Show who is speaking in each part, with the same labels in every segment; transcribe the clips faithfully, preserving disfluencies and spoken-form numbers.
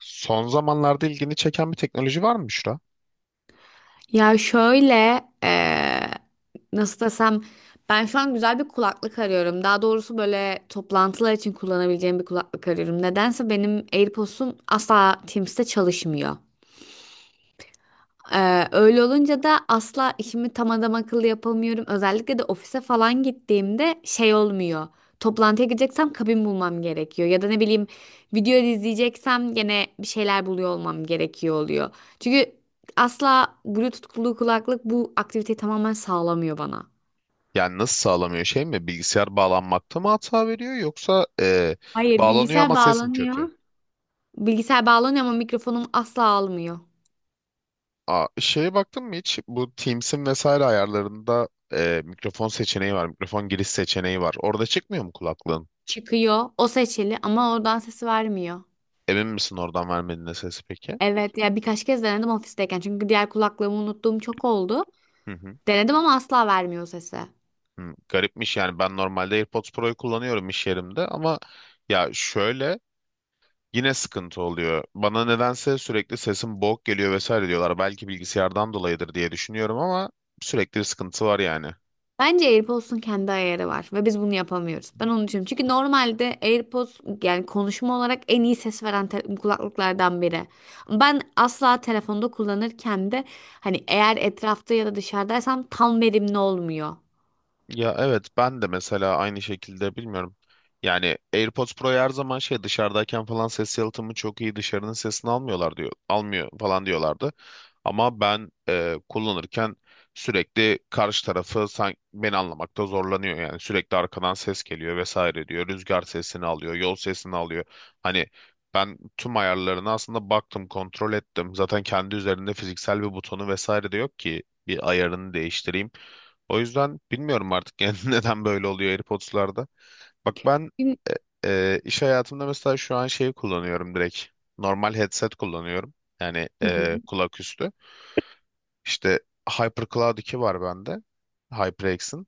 Speaker 1: Son zamanlarda ilgini çeken bir teknoloji var mı, Büşra?
Speaker 2: Ya şöyle eee, nasıl desem, ben şu an güzel bir kulaklık arıyorum. Daha doğrusu böyle toplantılar için kullanabileceğim bir kulaklık arıyorum. Nedense benim AirPods'um asla Teams'te çalışmıyor. Ee, öyle olunca da asla işimi tam adam akıllı yapamıyorum. Özellikle de ofise falan gittiğimde şey olmuyor. Toplantıya gideceksem kabin bulmam gerekiyor. Ya da ne bileyim, video izleyeceksem gene bir şeyler buluyor olmam gerekiyor oluyor. Çünkü asla Bluetooth'lu kulaklık bu aktiviteyi tamamen sağlamıyor bana.
Speaker 1: Yani nasıl sağlamıyor, şey mi? Bilgisayar bağlanmakta mı hata veriyor, yoksa e,
Speaker 2: Hayır,
Speaker 1: bağlanıyor
Speaker 2: bilgisayar
Speaker 1: ama ses mi
Speaker 2: bağlanıyor.
Speaker 1: kötü?
Speaker 2: Bilgisayar bağlanıyor ama mikrofonum asla almıyor.
Speaker 1: Aa, şeye baktın mı hiç? Bu Teams'in vesaire ayarlarında e, mikrofon seçeneği var. Mikrofon giriş seçeneği var. Orada çıkmıyor mu kulaklığın?
Speaker 2: Çıkıyor, o seçili ama oradan sesi vermiyor.
Speaker 1: Emin misin oradan vermediğine sesi peki?
Speaker 2: Evet ya, birkaç kez denedim ofisteyken, çünkü diğer kulaklığımı unuttuğum çok oldu.
Speaker 1: Hı hı.
Speaker 2: Denedim ama asla vermiyor sesi.
Speaker 1: Hı. Garipmiş yani, ben normalde AirPods Pro'yu kullanıyorum iş yerimde ama ya şöyle, yine sıkıntı oluyor. Bana nedense sürekli sesim boğuk geliyor vesaire diyorlar. Belki bilgisayardan dolayıdır diye düşünüyorum ama sürekli bir sıkıntı var yani.
Speaker 2: Bence AirPods'un kendi ayarı var ve biz bunu yapamıyoruz. Ben onu düşünüyorum. Çünkü normalde AirPods, yani konuşma olarak en iyi ses veren te- kulaklıklardan biri. Ben asla telefonda kullanırken de hani, eğer etrafta ya da dışarıdaysam tam verimli olmuyor.
Speaker 1: Ya evet, ben de mesela aynı şekilde bilmiyorum. Yani AirPods Pro'yu her zaman şey, dışarıdayken falan ses yalıtımı çok iyi, dışarının sesini almıyorlar diyor. Almıyor falan diyorlardı. Ama ben e, kullanırken sürekli karşı tarafı sanki beni anlamakta zorlanıyor. Yani sürekli arkadan ses geliyor vesaire diyor. Rüzgar sesini alıyor, yol sesini alıyor. Hani ben tüm ayarlarına aslında baktım, kontrol ettim. Zaten kendi üzerinde fiziksel bir butonu vesaire de yok ki bir ayarını değiştireyim. O yüzden bilmiyorum artık yani, neden böyle oluyor AirPods'larda. Bak ben
Speaker 2: Hı
Speaker 1: e, e, iş hayatımda mesela şu an şey kullanıyorum direkt. Normal headset kullanıyorum. Yani
Speaker 2: hı.
Speaker 1: e, kulak üstü. İşte HyperCloud iki var bende. HyperX'in.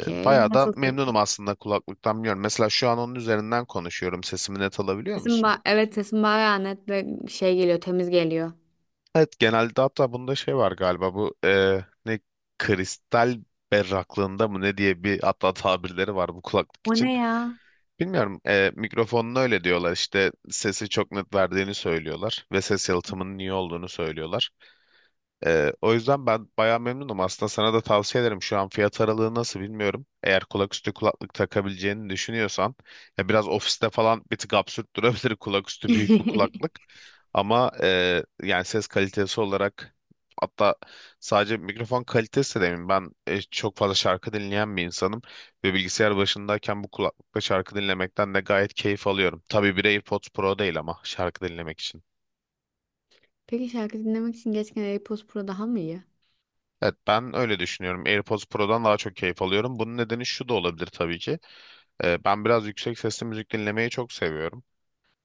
Speaker 1: E, bayağı da
Speaker 2: Nasıl ses?
Speaker 1: memnunum aslında kulaklıktan, biliyorum. Mesela şu an onun üzerinden konuşuyorum. Sesimi net alabiliyor
Speaker 2: Sesim
Speaker 1: musun?
Speaker 2: ba- evet, sesim bayağı net ve şey geliyor, temiz geliyor.
Speaker 1: Evet genelde. Hatta bunda şey var galiba, bu e, ne, kristal berraklığında mı ne diye bir hatta tabirleri var bu kulaklık
Speaker 2: O
Speaker 1: için.
Speaker 2: ne ya?
Speaker 1: Bilmiyorum. E, mikrofonun öyle diyorlar. İşte sesi çok net verdiğini söylüyorlar ve ses yalıtımının iyi olduğunu söylüyorlar. Ee, o yüzden ben bayağı memnunum. Aslında sana da tavsiye ederim. Şu an fiyat aralığı nasıl bilmiyorum. Eğer kulaküstü kulaklık takabileceğini düşünüyorsan, ya biraz ofiste falan bir tık absürt durabilir kulaküstü büyük bir kulaklık. Ama e, yani ses kalitesi olarak, hatta sadece mikrofon kalitesi de demeyeyim. Ben e, çok fazla şarkı dinleyen bir insanım ve bilgisayar başındayken bu kulaklıkla şarkı dinlemekten de gayet keyif alıyorum. Tabii bir AirPods Pro değil ama, şarkı dinlemek için.
Speaker 2: Peki şarkı dinlemek için gerçekten AirPods Pro daha mı iyi?
Speaker 1: Evet ben öyle düşünüyorum. AirPods Pro'dan daha çok keyif alıyorum. Bunun nedeni şu da olabilir tabii ki. Ee, ben biraz yüksek sesli müzik dinlemeyi çok seviyorum.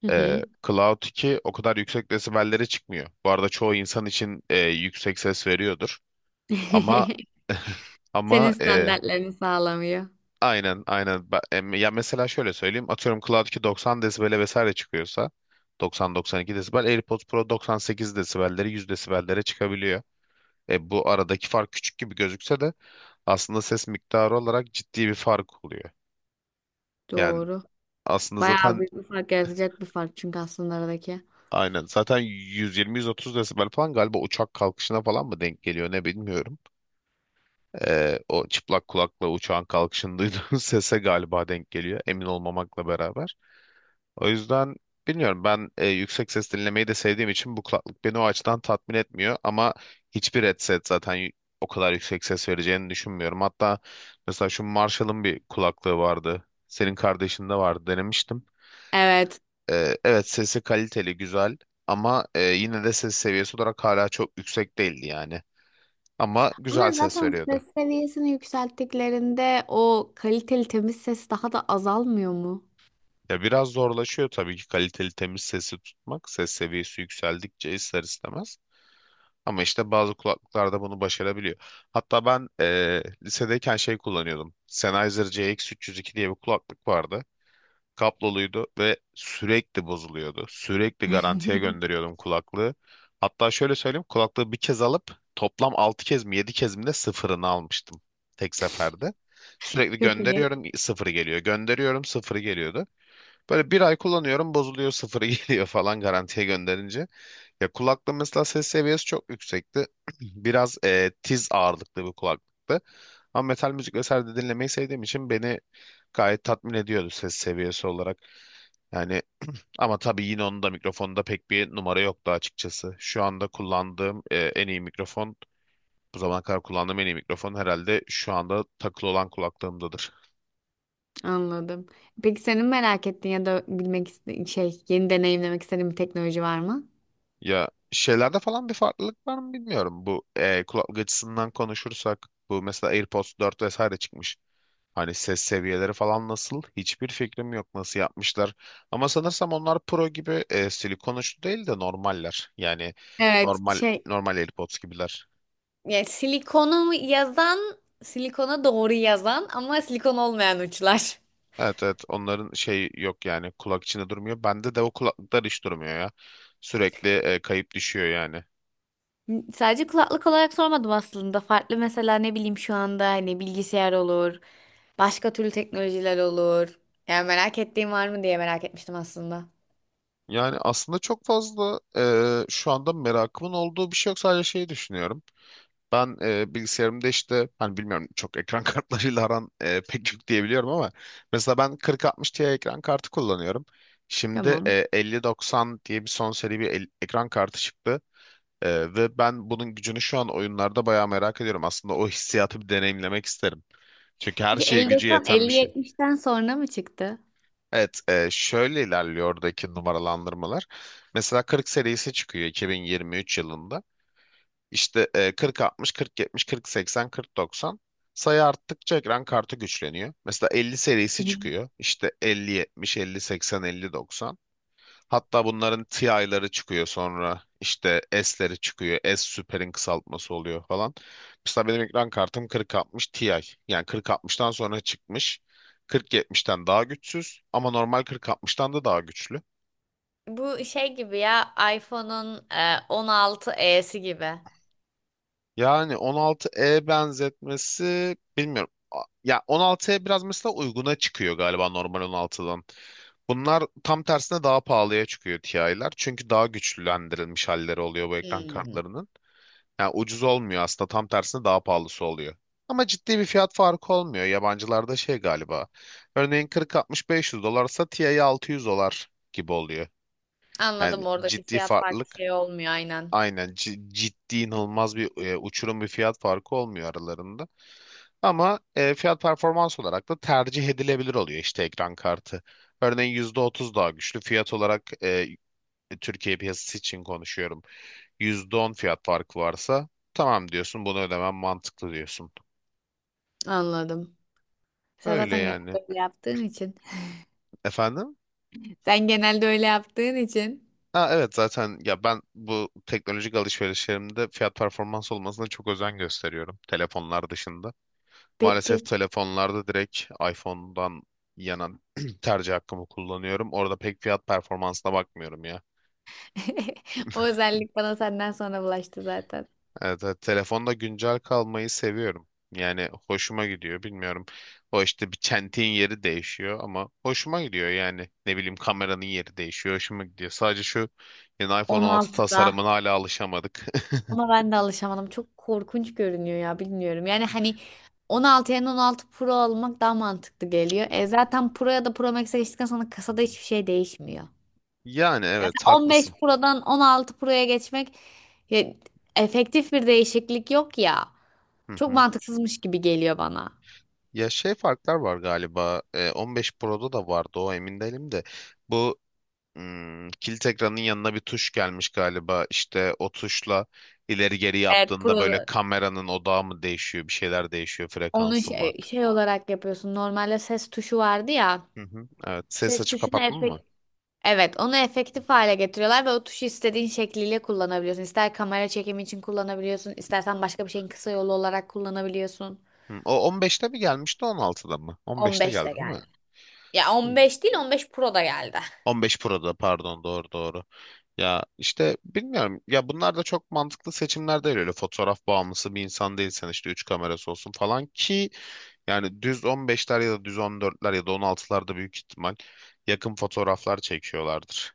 Speaker 2: Hı hı.
Speaker 1: Ee, Cloud iki o kadar yüksek desibellere çıkmıyor. Bu arada çoğu insan için e, yüksek ses veriyordur. Ama
Speaker 2: Senin
Speaker 1: ama e,
Speaker 2: standartlarını sağlamıyor.
Speaker 1: aynen aynen. Ba- em- Ya mesela şöyle söyleyeyim. Atıyorum Cloud iki doksan desibele vesaire çıkıyorsa doksan doksan iki desibel, AirPods Pro doksan sekiz desibelleri, yüz desibellere çıkabiliyor. E, bu aradaki fark küçük gibi gözükse de aslında ses miktarı olarak ciddi bir fark oluyor. Yani
Speaker 2: Doğru.
Speaker 1: aslında
Speaker 2: Bayağı
Speaker 1: zaten
Speaker 2: büyük bir fark yaratacak bir fark çünkü aslında aradaki.
Speaker 1: aynen zaten yüz yirmi yüz otuz desibel falan galiba uçak kalkışına falan mı denk geliyor ne, bilmiyorum. Ee, o çıplak kulakla uçağın kalkışını duyduğun sese galiba denk geliyor, emin olmamakla beraber. O yüzden bilmiyorum, ben e, yüksek ses dinlemeyi de sevdiğim için bu kulaklık beni o açıdan tatmin etmiyor ama hiçbir headset zaten y- o kadar yüksek ses vereceğini düşünmüyorum. Hatta mesela şu Marshall'ın bir kulaklığı vardı. Senin kardeşinde vardı, denemiştim.
Speaker 2: Evet.
Speaker 1: Ee, evet, sesi kaliteli, güzel ama e, yine de ses seviyesi olarak hala çok yüksek değildi yani. Ama güzel
Speaker 2: Ama
Speaker 1: ses
Speaker 2: zaten
Speaker 1: veriyordu.
Speaker 2: ses seviyesini yükselttiklerinde o kaliteli temiz ses daha da azalmıyor mu?
Speaker 1: Ya biraz zorlaşıyor tabii ki kaliteli temiz sesi tutmak. Ses seviyesi yükseldikçe ister istemez. Ama işte bazı kulaklıklarda bunu başarabiliyor. Hatta ben e, lisedeyken şey kullanıyordum. Sennheiser C X üç yüz iki diye bir kulaklık vardı. Kabloluydu ve sürekli bozuluyordu. Sürekli garantiye gönderiyordum kulaklığı. Hatta şöyle söyleyeyim kulaklığı bir kez alıp toplam altı kez mi yedi kez mi de sıfırını almıştım, tek seferde. Sürekli
Speaker 2: Çok iyi.
Speaker 1: gönderiyorum, sıfırı geliyor. Gönderiyorum, sıfırı geliyordu. Böyle bir ay kullanıyorum, bozuluyor, sıfırı geliyor falan garantiye gönderince. Ya kulaklığı mesela ses seviyesi çok yüksekti. Biraz e, tiz ağırlıklı bir kulaklıktı. Ama metal müzik vesaire de dinlemeyi sevdiğim için beni gayet tatmin ediyordu ses seviyesi olarak. Yani ama tabii yine onun da mikrofonda pek bir numara yoktu açıkçası. Şu anda kullandığım e, en iyi mikrofon, bu zamana kadar kullandığım en iyi mikrofon herhalde şu anda takılı olan kulaklığımdadır.
Speaker 2: Anladım. Peki senin merak ettiğin ya da bilmek iste şey yeni deneyimlemek istediğin bir teknoloji var mı?
Speaker 1: Ya şeylerde falan bir farklılık var mı bilmiyorum. Bu e, kulaklık açısından konuşursak, bu mesela AirPods dört vesaire çıkmış. Hani ses seviyeleri falan nasıl? Hiçbir fikrim yok nasıl yapmışlar. Ama sanırsam onlar Pro gibi e, silikon uçlu değil de normaller. Yani
Speaker 2: Evet,
Speaker 1: normal
Speaker 2: şey.
Speaker 1: normal AirPods gibiler.
Speaker 2: Yani silikonu yazan, silikona doğru yazan ama silikon olmayan uçlar.
Speaker 1: Evet evet, onların şey yok yani, kulak içinde durmuyor. Bende de o kulaklıklar hiç durmuyor ya. Sürekli e, kayıp düşüyor yani.
Speaker 2: Sadece kulaklık olarak sormadım aslında. Farklı mesela, ne bileyim, şu anda hani bilgisayar olur, başka türlü teknolojiler olur. Yani merak ettiğim var mı diye merak etmiştim aslında.
Speaker 1: Yani aslında çok fazla e, şu anda merakımın olduğu bir şey yok. Sadece şeyi düşünüyorum. Ben e, bilgisayarımda işte hani bilmiyorum, çok ekran kartlarıyla aran e, pek yok diyebiliyorum ama mesela ben kırk altmış Ti ekran kartı kullanıyorum. Şimdi
Speaker 2: Tamam.
Speaker 1: e, elli doksan diye bir son seri bir el- ekran kartı çıktı. E, ve ben bunun gücünü şu an oyunlarda bayağı merak ediyorum. Aslında o hissiyatı bir deneyimlemek isterim. Çünkü her
Speaker 2: Peki
Speaker 1: şeye gücü
Speaker 2: elli doksan,
Speaker 1: yeten bir şey.
Speaker 2: elli yetmişten sonra mı çıktı?
Speaker 1: Evet, e, şöyle ilerliyor oradaki numaralandırmalar. Mesela kırk serisi çıkıyor iki bin yirmi üç yılında. İşte e, kırk altmış, kırk yetmiş, kırk seksen, kırk doksan. Sayı arttıkça ekran kartı güçleniyor. Mesela elli serisi
Speaker 2: Hı hı.
Speaker 1: çıkıyor. İşte elli yetmiş, elli seksen, elli doksan. Hatta bunların Ti'ları çıkıyor sonra. İşte S'leri çıkıyor. S süperin kısaltması oluyor falan. Mesela benim ekran kartım kırk altmış Ti. Yani kırk altmıştan sonra çıkmış. kırk yetmişten daha güçsüz ama normal kırk altmıştan da daha güçlü.
Speaker 2: Bu şey gibi ya, iPhone'un e, on altı esi gibi.
Speaker 1: Yani on altı E benzetmesi bilmiyorum. A- Ya on altı E biraz mesela uyguna çıkıyor galiba normal on altıdan. Bunlar tam tersine daha pahalıya çıkıyor, TI'ler. Çünkü daha güçlülendirilmiş halleri oluyor bu ekran
Speaker 2: Hmm.
Speaker 1: kartlarının. Yani ucuz olmuyor, aslında tam tersine daha pahalısı oluyor. Ama ciddi bir fiyat farkı olmuyor. Yabancılarda şey galiba. Örneğin kırk altmış-beş yüz dolarsa TI altı yüz dolar gibi oluyor. Yani
Speaker 2: Anladım, oradaki
Speaker 1: ciddi
Speaker 2: fiyat farkı
Speaker 1: farklılık,
Speaker 2: şey olmuyor, aynen.
Speaker 1: aynen. Ci- ciddi inanılmaz bir e, uçurum bir fiyat farkı olmuyor aralarında. Ama e, fiyat performans olarak da tercih edilebilir oluyor işte ekran kartı. Örneğin yüzde otuz daha güçlü fiyat olarak e, Türkiye piyasası için konuşuyorum. yüzde on fiyat farkı varsa tamam diyorsun, bunu ödemem mantıklı diyorsun.
Speaker 2: Anladım. Sen
Speaker 1: Öyle
Speaker 2: zaten
Speaker 1: yani.
Speaker 2: genelde öyle yaptığın için.
Speaker 1: Efendim?
Speaker 2: Sen genelde öyle yaptığın için.
Speaker 1: Ha, evet zaten ya, ben bu teknolojik alışverişlerimde fiyat performans olmasına çok özen gösteriyorum telefonlar dışında.
Speaker 2: Pe pek.
Speaker 1: Maalesef telefonlarda direkt iPhone'dan yana tercih hakkımı kullanıyorum. Orada pek fiyat performansına bakmıyorum ya.
Speaker 2: O özellik bana senden sonra bulaştı zaten.
Speaker 1: Evet, evet, telefonda güncel kalmayı seviyorum. Yani hoşuma gidiyor, bilmiyorum. O işte bir çentiğin yeri değişiyor ama hoşuma gidiyor yani. Ne bileyim, kameranın yeri değişiyor, hoşuma gidiyor. Sadece şu yeni iPhone on altı tasarımına
Speaker 2: on altıda.
Speaker 1: hala alışamadık.
Speaker 2: Ona ben de alışamadım. Çok korkunç görünüyor ya, bilmiyorum. Yani hani, on altı yerine on altı Pro almak daha mantıklı geliyor. E zaten Pro ya da Pro Max'e geçtikten sonra
Speaker 1: Hı
Speaker 2: kasada
Speaker 1: hı.
Speaker 2: hiçbir şey değişmiyor.
Speaker 1: Yani
Speaker 2: Yani
Speaker 1: evet
Speaker 2: on beş
Speaker 1: haklısın.
Speaker 2: Pro'dan on altı Pro'ya geçmek, ya, efektif bir değişiklik yok ya.
Speaker 1: Hı
Speaker 2: Çok
Speaker 1: hı.
Speaker 2: mantıksızmış gibi geliyor bana.
Speaker 1: Ya şey farklar var galiba. e, on beş Pro'da da vardı o, emin değilim de. Bu, hmm, kilit ekranın yanına bir tuş gelmiş galiba. İşte o tuşla ileri geri
Speaker 2: Evet,
Speaker 1: yaptığında böyle
Speaker 2: pro,
Speaker 1: kameranın odağı mı değişiyor, bir şeyler değişiyor,
Speaker 2: onun
Speaker 1: frekansı mı
Speaker 2: şey,
Speaker 1: artık?
Speaker 2: şey olarak yapıyorsun. Normalde ses tuşu vardı ya.
Speaker 1: Hı hı. Evet, ses
Speaker 2: Ses
Speaker 1: açıp
Speaker 2: tuşunu
Speaker 1: kapatma mı?
Speaker 2: efek, evet, onu efektif hale getiriyorlar ve o tuşu istediğin şekliyle kullanabiliyorsun. İster kamera çekimi için kullanabiliyorsun, istersen başka bir şeyin kısa yolu olarak kullanabiliyorsun.
Speaker 1: Hı, o on beşte mi gelmişti, on altıda mı? on beşte
Speaker 2: on beş
Speaker 1: geldi
Speaker 2: de
Speaker 1: değil
Speaker 2: geldi. Ya
Speaker 1: mi?
Speaker 2: on beş değil, on beş Pro da geldi.
Speaker 1: on beş Pro'da pardon, doğru doğru. Ya işte bilmiyorum ya, bunlar da çok mantıklı seçimler değil, öyle fotoğraf bağımlısı bir insan değilsen işte üç kamerası olsun falan ki, yani düz on beşler ya da düz on dörtler ya da on altılarda büyük ihtimal yakın fotoğraflar çekiyorlardır.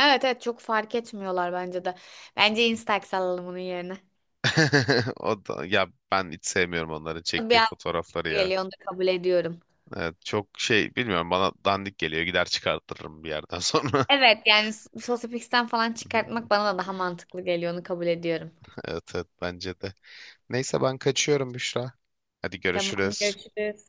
Speaker 2: Evet evet, çok fark etmiyorlar bence de. Bence Instax alalım onun yerine.
Speaker 1: O da, ya ben hiç sevmiyorum onların
Speaker 2: Bir
Speaker 1: çektiği fotoğrafları ya.
Speaker 2: geliyor, onu da kabul ediyorum.
Speaker 1: Evet, çok şey bilmiyorum, bana dandik geliyor, gider çıkartırım bir yerden sonra.
Speaker 2: Evet yani s- sosyopiksten falan çıkartmak bana da daha mantıklı geliyor, onu kabul ediyorum.
Speaker 1: Evet evet, bence de. Neyse ben kaçıyorum Büşra. Hadi
Speaker 2: Tamam,
Speaker 1: görüşürüz.
Speaker 2: görüşürüz.